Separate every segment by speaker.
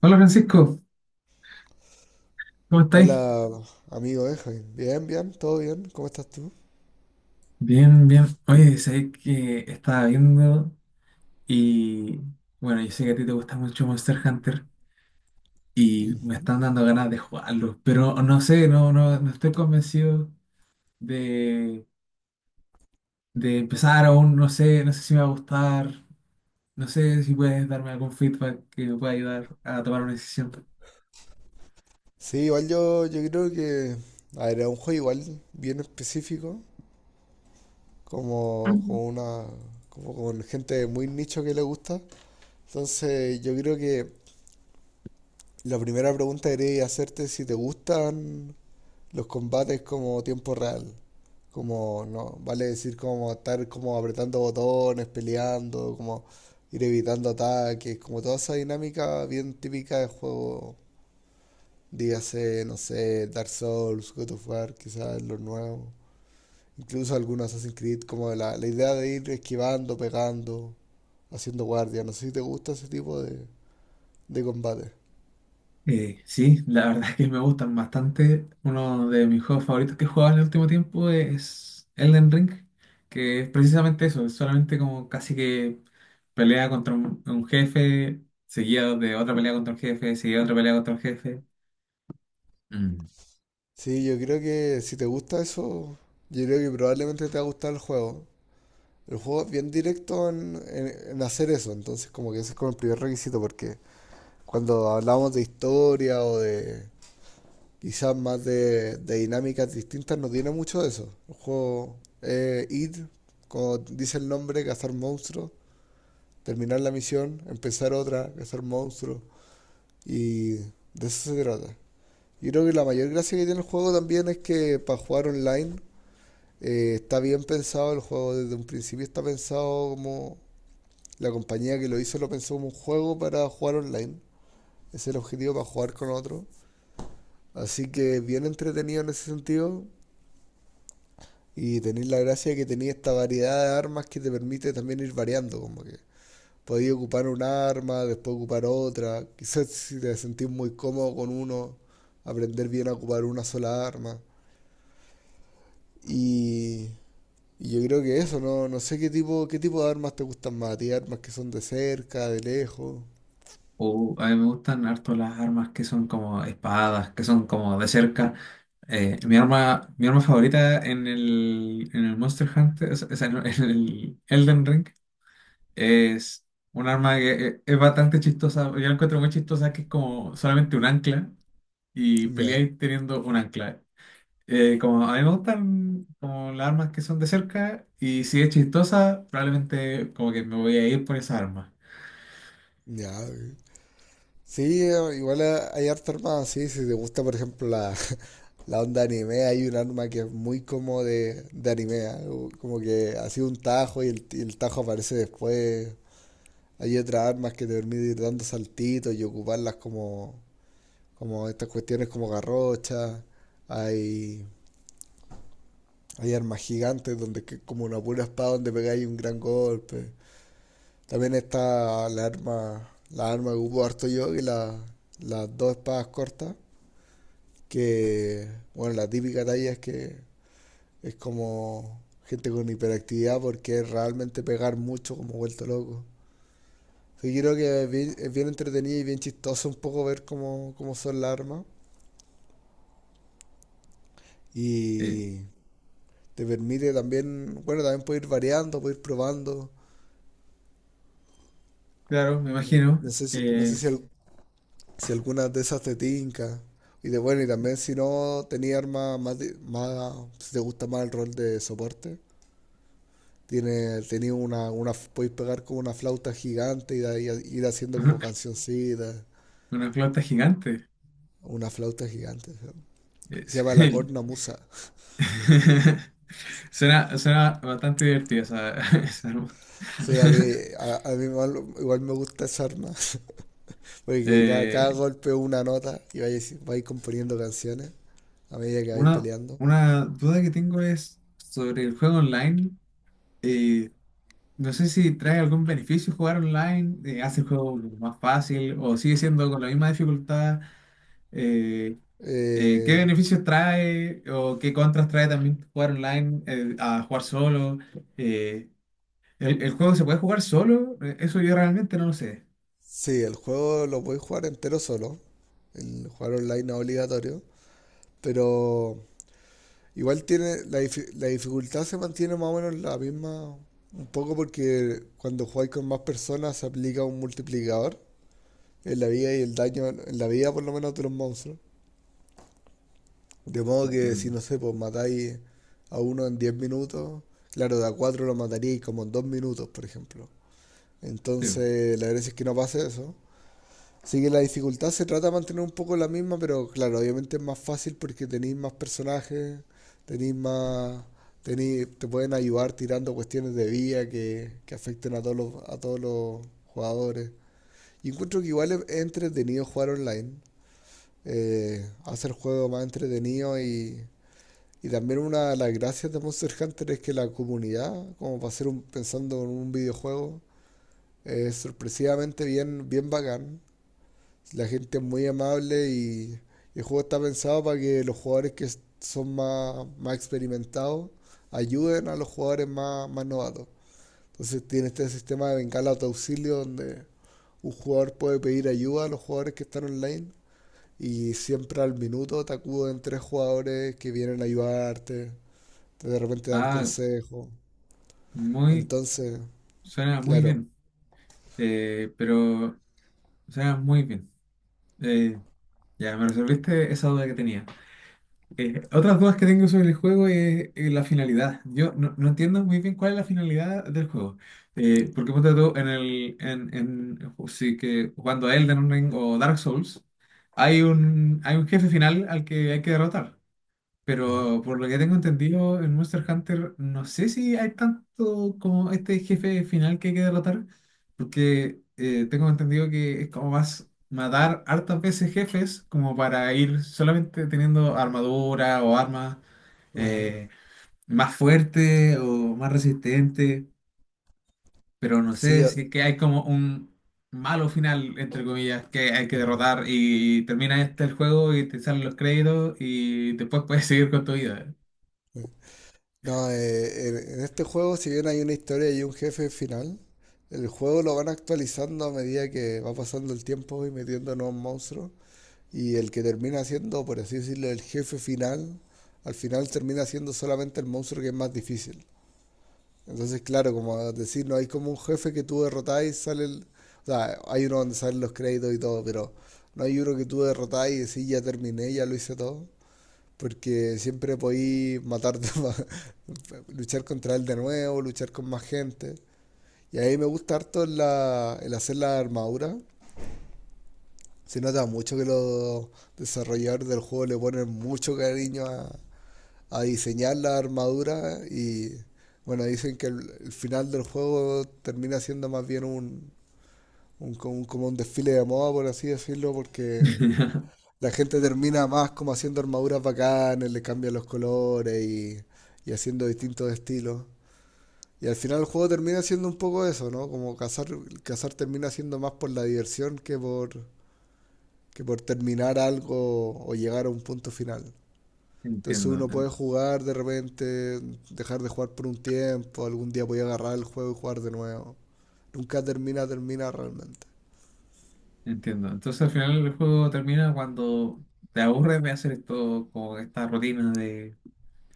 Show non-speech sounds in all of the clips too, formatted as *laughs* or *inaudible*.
Speaker 1: Hola, Francisco, ¿cómo estáis?
Speaker 2: Hola, amigo Benjamín. Bien, bien, todo bien. ¿Cómo estás tú?
Speaker 1: Bien, bien. Oye, sé que estaba viendo y bueno, yo sé que a ti te gusta mucho Monster Hunter y me
Speaker 2: Ujú.
Speaker 1: están dando ganas de jugarlo, pero no sé, no, no, no estoy convencido de, de empezar aún, no sé, no sé si me va a gustar, no sé si puedes darme algún feedback que me pueda ayudar a tomar una decisión.
Speaker 2: Sí, igual yo creo que... A ver, es un juego igual bien específico, como una... como con gente muy nicho que le gusta. Entonces, yo creo que la primera pregunta que quería hacerte es si te gustan los combates como tiempo real. Como, no, vale decir como estar como apretando botones, peleando, como ir evitando ataques, como toda esa dinámica bien típica de juego. Dígase, no sé, Dark Souls, God of War, quizás lo nuevo. Incluso algunos Assassin's Creed, como la idea de ir esquivando, pegando, haciendo guardia. No sé si te gusta ese tipo de combate.
Speaker 1: Sí, la verdad es que me gustan bastante. Uno de mis juegos favoritos que he jugado en el último tiempo es Elden Ring, que es precisamente eso, es solamente como casi que pelea contra un jefe, seguido de otra pelea contra un jefe, seguida de otra pelea contra un jefe. Mm.
Speaker 2: Sí, yo creo que si te gusta eso, yo creo que probablemente te va a gustar el juego. El juego es bien directo en hacer eso, entonces como que ese es como el primer requisito, porque cuando hablamos de historia o de, quizás más de dinámicas distintas, no tiene mucho de eso. El juego ir, como dice el nombre, cazar monstruos, terminar la misión, empezar otra, cazar monstruos, y de eso se trata. Yo creo que la mayor gracia que tiene el juego también es que para jugar online está bien pensado, el juego desde un principio está pensado como la compañía que lo hizo lo pensó como un juego para jugar online. Ese es el objetivo para jugar con otro. Así que bien entretenido en ese sentido. Y tenéis la gracia de que tenéis esta variedad de armas que te permite también ir variando, como que podéis ocupar un arma, después ocupar otra. *laughs* Quizás si te sentís muy cómodo con uno, aprender bien a ocupar una sola arma. Y, y yo creo que eso, no, no sé qué tipo de armas te gustan más, a armas que son de cerca, de lejos.
Speaker 1: O a mí me gustan harto las armas que son como espadas, que son como de cerca. Mi arma, mi arma favorita en el Monster Hunter, o sea, en el Elden Ring es un arma que es bastante chistosa. Yo la encuentro muy chistosa, que es como solamente un ancla y
Speaker 2: Ya,
Speaker 1: peleáis teniendo un ancla. Como a mí me gustan como las armas que son de cerca y si es chistosa, probablemente como que me voy a ir por esa arma.
Speaker 2: ya. Ok. Sí, igual hay harta armada, sí, si te gusta por ejemplo la onda anime, hay un arma que es muy como de anime, algo como que ha sido un tajo y y el tajo aparece después. Hay otras armas que te permiten ir dando saltitos y ocuparlas como estas cuestiones como garrochas. Hay, hay armas gigantes donde como una pura espada donde pegáis un gran golpe. También está la arma que ocupo harto yo, las dos espadas cortas, que bueno, la típica talla es como gente con hiperactividad porque es realmente pegar mucho como vuelto loco. Así que creo que es bien entretenido y bien chistoso un poco ver cómo son las armas.
Speaker 1: Eh,
Speaker 2: Y te permite también, bueno, también puedes ir variando, puedes ir probando.
Speaker 1: claro, me imagino.
Speaker 2: No sé si, no sé
Speaker 1: eh,
Speaker 2: si, al- si algunas de esas te tinca. Y de bueno, y también si no tenía armas más, más, si te gusta más el rol de soporte, tenía una, podéis pegar como una flauta gigante y de ahí ir haciendo como
Speaker 1: *laughs*
Speaker 2: cancioncitas.
Speaker 1: una flauta gigante.
Speaker 2: Una flauta gigante. Se
Speaker 1: *laughs*
Speaker 2: llama la
Speaker 1: Sí.
Speaker 2: cornamusa.
Speaker 1: *laughs* Suena, suena bastante divertida esa, *laughs* esa arma.
Speaker 2: O sea, a mí,
Speaker 1: *laughs*
Speaker 2: a mí igual, igual me gusta esa arma. *laughs* Porque cada
Speaker 1: Eh,
Speaker 2: golpe es una nota y vais componiendo canciones a medida que vais
Speaker 1: Una,
Speaker 2: peleando.
Speaker 1: una duda que tengo es sobre el juego online. Eh, no sé si trae algún beneficio jugar online, hace el juego más fácil o sigue siendo con la misma dificultad. Eh, ¿Qué
Speaker 2: Eh,
Speaker 1: beneficios trae o qué contras trae también jugar online a jugar solo? Eh, ¿El, el juego se puede jugar solo? Eso yo realmente no lo sé.
Speaker 2: sí, el juego lo podéis jugar entero solo. El jugar online no es obligatorio. Pero igual tiene. La dificultad se mantiene más o menos la misma. Un poco porque cuando jugáis con más personas se aplica un multiplicador en la vida y el daño, en la vida por lo menos de los monstruos. De modo que si
Speaker 1: Entiendo.
Speaker 2: no sé, pues matáis a uno en 10 minutos, claro, de a 4 lo mataríais como en 2 minutos, por ejemplo.
Speaker 1: Sí.
Speaker 2: Entonces, la gracia es que no pase eso. Así que la dificultad se trata de mantener un poco la misma, pero claro, obviamente es más fácil porque tenéis más personajes, tenéis más, te pueden ayudar tirando cuestiones de vida que afecten a todos los jugadores. Y encuentro que igual es entretenido jugar online. Hace el juego más entretenido y también una de las gracias de Monster Hunter es que la comunidad, como para ser un, pensando en un videojuego, es sorpresivamente bien, bien bacán. La gente es muy amable y el juego está pensado para que los jugadores que son más experimentados ayuden a los jugadores más novatos. Entonces tiene este sistema de bengala de auxilio donde un jugador puede pedir ayuda a los jugadores que están online y siempre al minuto te acuden tres jugadores que vienen a ayudarte, te de repente dan
Speaker 1: Ah,
Speaker 2: consejo.
Speaker 1: muy,
Speaker 2: Entonces,
Speaker 1: suena muy
Speaker 2: claro.
Speaker 1: bien. Pero suena muy bien. Eh, Ya, me resolviste esa duda que tenía. Otras dudas que tengo sobre el juego es la finalidad. Yo no, no entiendo muy bien cuál es la finalidad del juego. Porque ponte tú en el, en, sí que jugando a Elden Ring o Dark Souls, hay un jefe final al que hay que derrotar.
Speaker 2: Ah,
Speaker 1: Pero por lo que tengo entendido, en Monster Hunter no sé si hay tanto como este jefe final que hay que derrotar, porque tengo entendido que es como más matar hartas veces jefes como para ir solamente teniendo armadura o armas
Speaker 2: ah,
Speaker 1: eh, más fuerte o más resistente, pero no
Speaker 2: sí,
Speaker 1: sé
Speaker 2: ah,
Speaker 1: si es que hay como un malo final, entre comillas, que hay que derrotar
Speaker 2: ah,
Speaker 1: y termina este el juego y te salen los créditos y después puedes seguir con tu vida.
Speaker 2: eh. No, en este juego, si bien hay una historia y un jefe final, el juego lo van actualizando a medida que va pasando el tiempo y metiendo nuevos monstruos. Y el que termina siendo, por así decirlo, el jefe final, al final termina siendo solamente el monstruo que es más difícil. Entonces, claro, como decir, no hay como un jefe que tú derrotás y sale el... O sea, hay uno donde salen los créditos y todo, pero no hay uno que tú derrotás y decís, ya terminé, ya lo hice todo. Porque siempre podí matarte, *laughs* luchar contra él de nuevo, luchar con más gente. Y ahí me gusta harto el hacer la armadura. Se nota mucho que los desarrolladores del juego le ponen mucho cariño a diseñar la armadura y bueno, dicen que el final del juego termina siendo más bien un, como un desfile de moda, por así decirlo, porque
Speaker 1: *laughs*
Speaker 2: la gente termina más como haciendo armaduras bacanas, le cambian los colores y haciendo distintos estilos. Y al final el juego termina siendo un poco eso, ¿no? Como cazar termina siendo más por la diversión que que por terminar algo o llegar a un punto final. Entonces
Speaker 1: Entiendo,
Speaker 2: uno
Speaker 1: en-
Speaker 2: puede jugar de repente, dejar de jugar por un tiempo, algún día voy a agarrar el juego y jugar de nuevo. Nunca termina, termina realmente.
Speaker 1: Entiendo. Entonces al final el juego termina cuando te aburres de hacer esto, como esta rutina de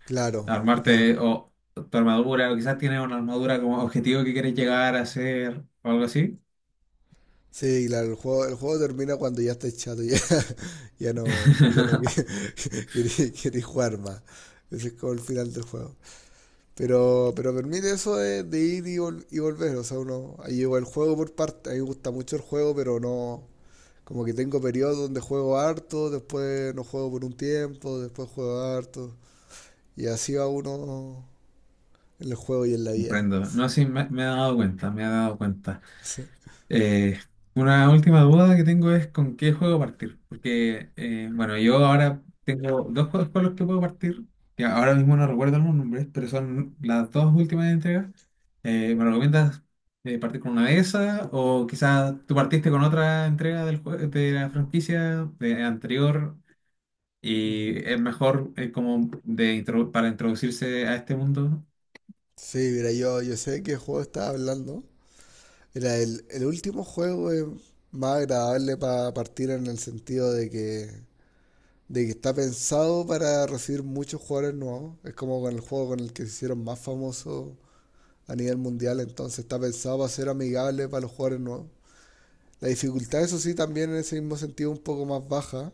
Speaker 2: Claro, no.
Speaker 1: armarte o tu armadura, o quizás tienes una armadura como objetivo que quieres llegar a hacer o algo así.
Speaker 2: Sí, claro, el juego termina cuando ya estás chato, ya, *laughs* ya no, ya no
Speaker 1: *laughs*
Speaker 2: queréis *laughs* jugar más. Ese es como el final del juego. Pero permite eso de ir y, y volver. O sea, uno ahí lleva el juego por parte. A mí me gusta mucho el juego, pero no, como que tengo periodos donde juego harto, después no juego por un tiempo, después juego harto. Y así va uno en el juego y en la vida.
Speaker 1: Comprendo. No, sí, me he dado cuenta, me he dado cuenta.
Speaker 2: Sí,
Speaker 1: Eh, una última duda que tengo es con qué juego partir. Porque, bueno, yo ahora tengo dos juegos con los que puedo partir, que ahora mismo no recuerdo los nombres, pero son las dos últimas entregas. Me recomiendas partir con una de esas? O quizás tú partiste con otra entrega del de la franquicia de anterior
Speaker 2: ujú.
Speaker 1: y es mejor como de para introducirse a este mundo.
Speaker 2: Sí, mira, yo sé de qué juego estaba hablando. Era el último juego es más agradable para partir en el sentido de que, está pensado para recibir muchos jugadores nuevos. Es como con el juego con el que se hicieron más famosos a nivel mundial, entonces está pensado para ser amigable para los jugadores nuevos. La dificultad, eso sí, también en ese mismo sentido un poco más baja.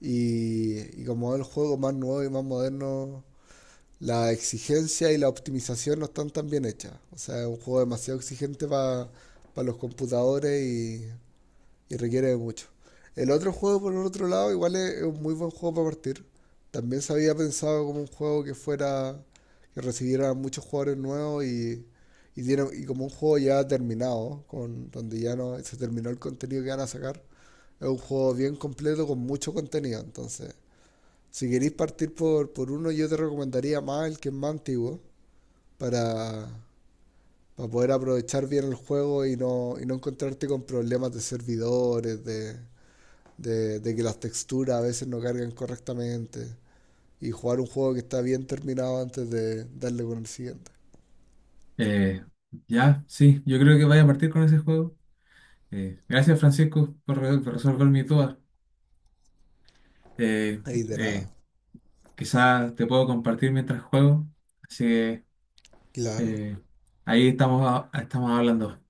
Speaker 2: Y como es el juego más nuevo y más moderno, la exigencia y la optimización no están tan bien hechas. O sea, es un juego demasiado exigente para los computadores y requiere de mucho. El otro juego, por el otro lado, igual es un muy buen juego para partir. También se había pensado como un juego que recibiera muchos jugadores nuevos y, y como un juego ya terminado, con, donde ya no se terminó el contenido que van a sacar. Es un juego bien completo con mucho contenido. Entonces, si queréis partir por uno, yo te recomendaría más el que es más antiguo para, para poder aprovechar bien el juego y y no encontrarte con problemas de servidores, de que las texturas a veces no cargan correctamente y jugar un juego que está bien terminado antes de darle con el siguiente.
Speaker 1: Eh, ya, sí, yo creo que vaya a partir con ese juego. Gracias, Francisco, por, por resolver mis dudas. Eh,
Speaker 2: Ahí de
Speaker 1: eh,
Speaker 2: nada.
Speaker 1: Quizás te puedo compartir mientras juego. Así que
Speaker 2: Claro.
Speaker 1: eh, ahí estamos, estamos hablando.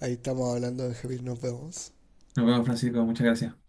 Speaker 2: Ahí estamos hablando, Benjamín. Nos vemos.
Speaker 1: Nos vemos, Francisco. Muchas gracias.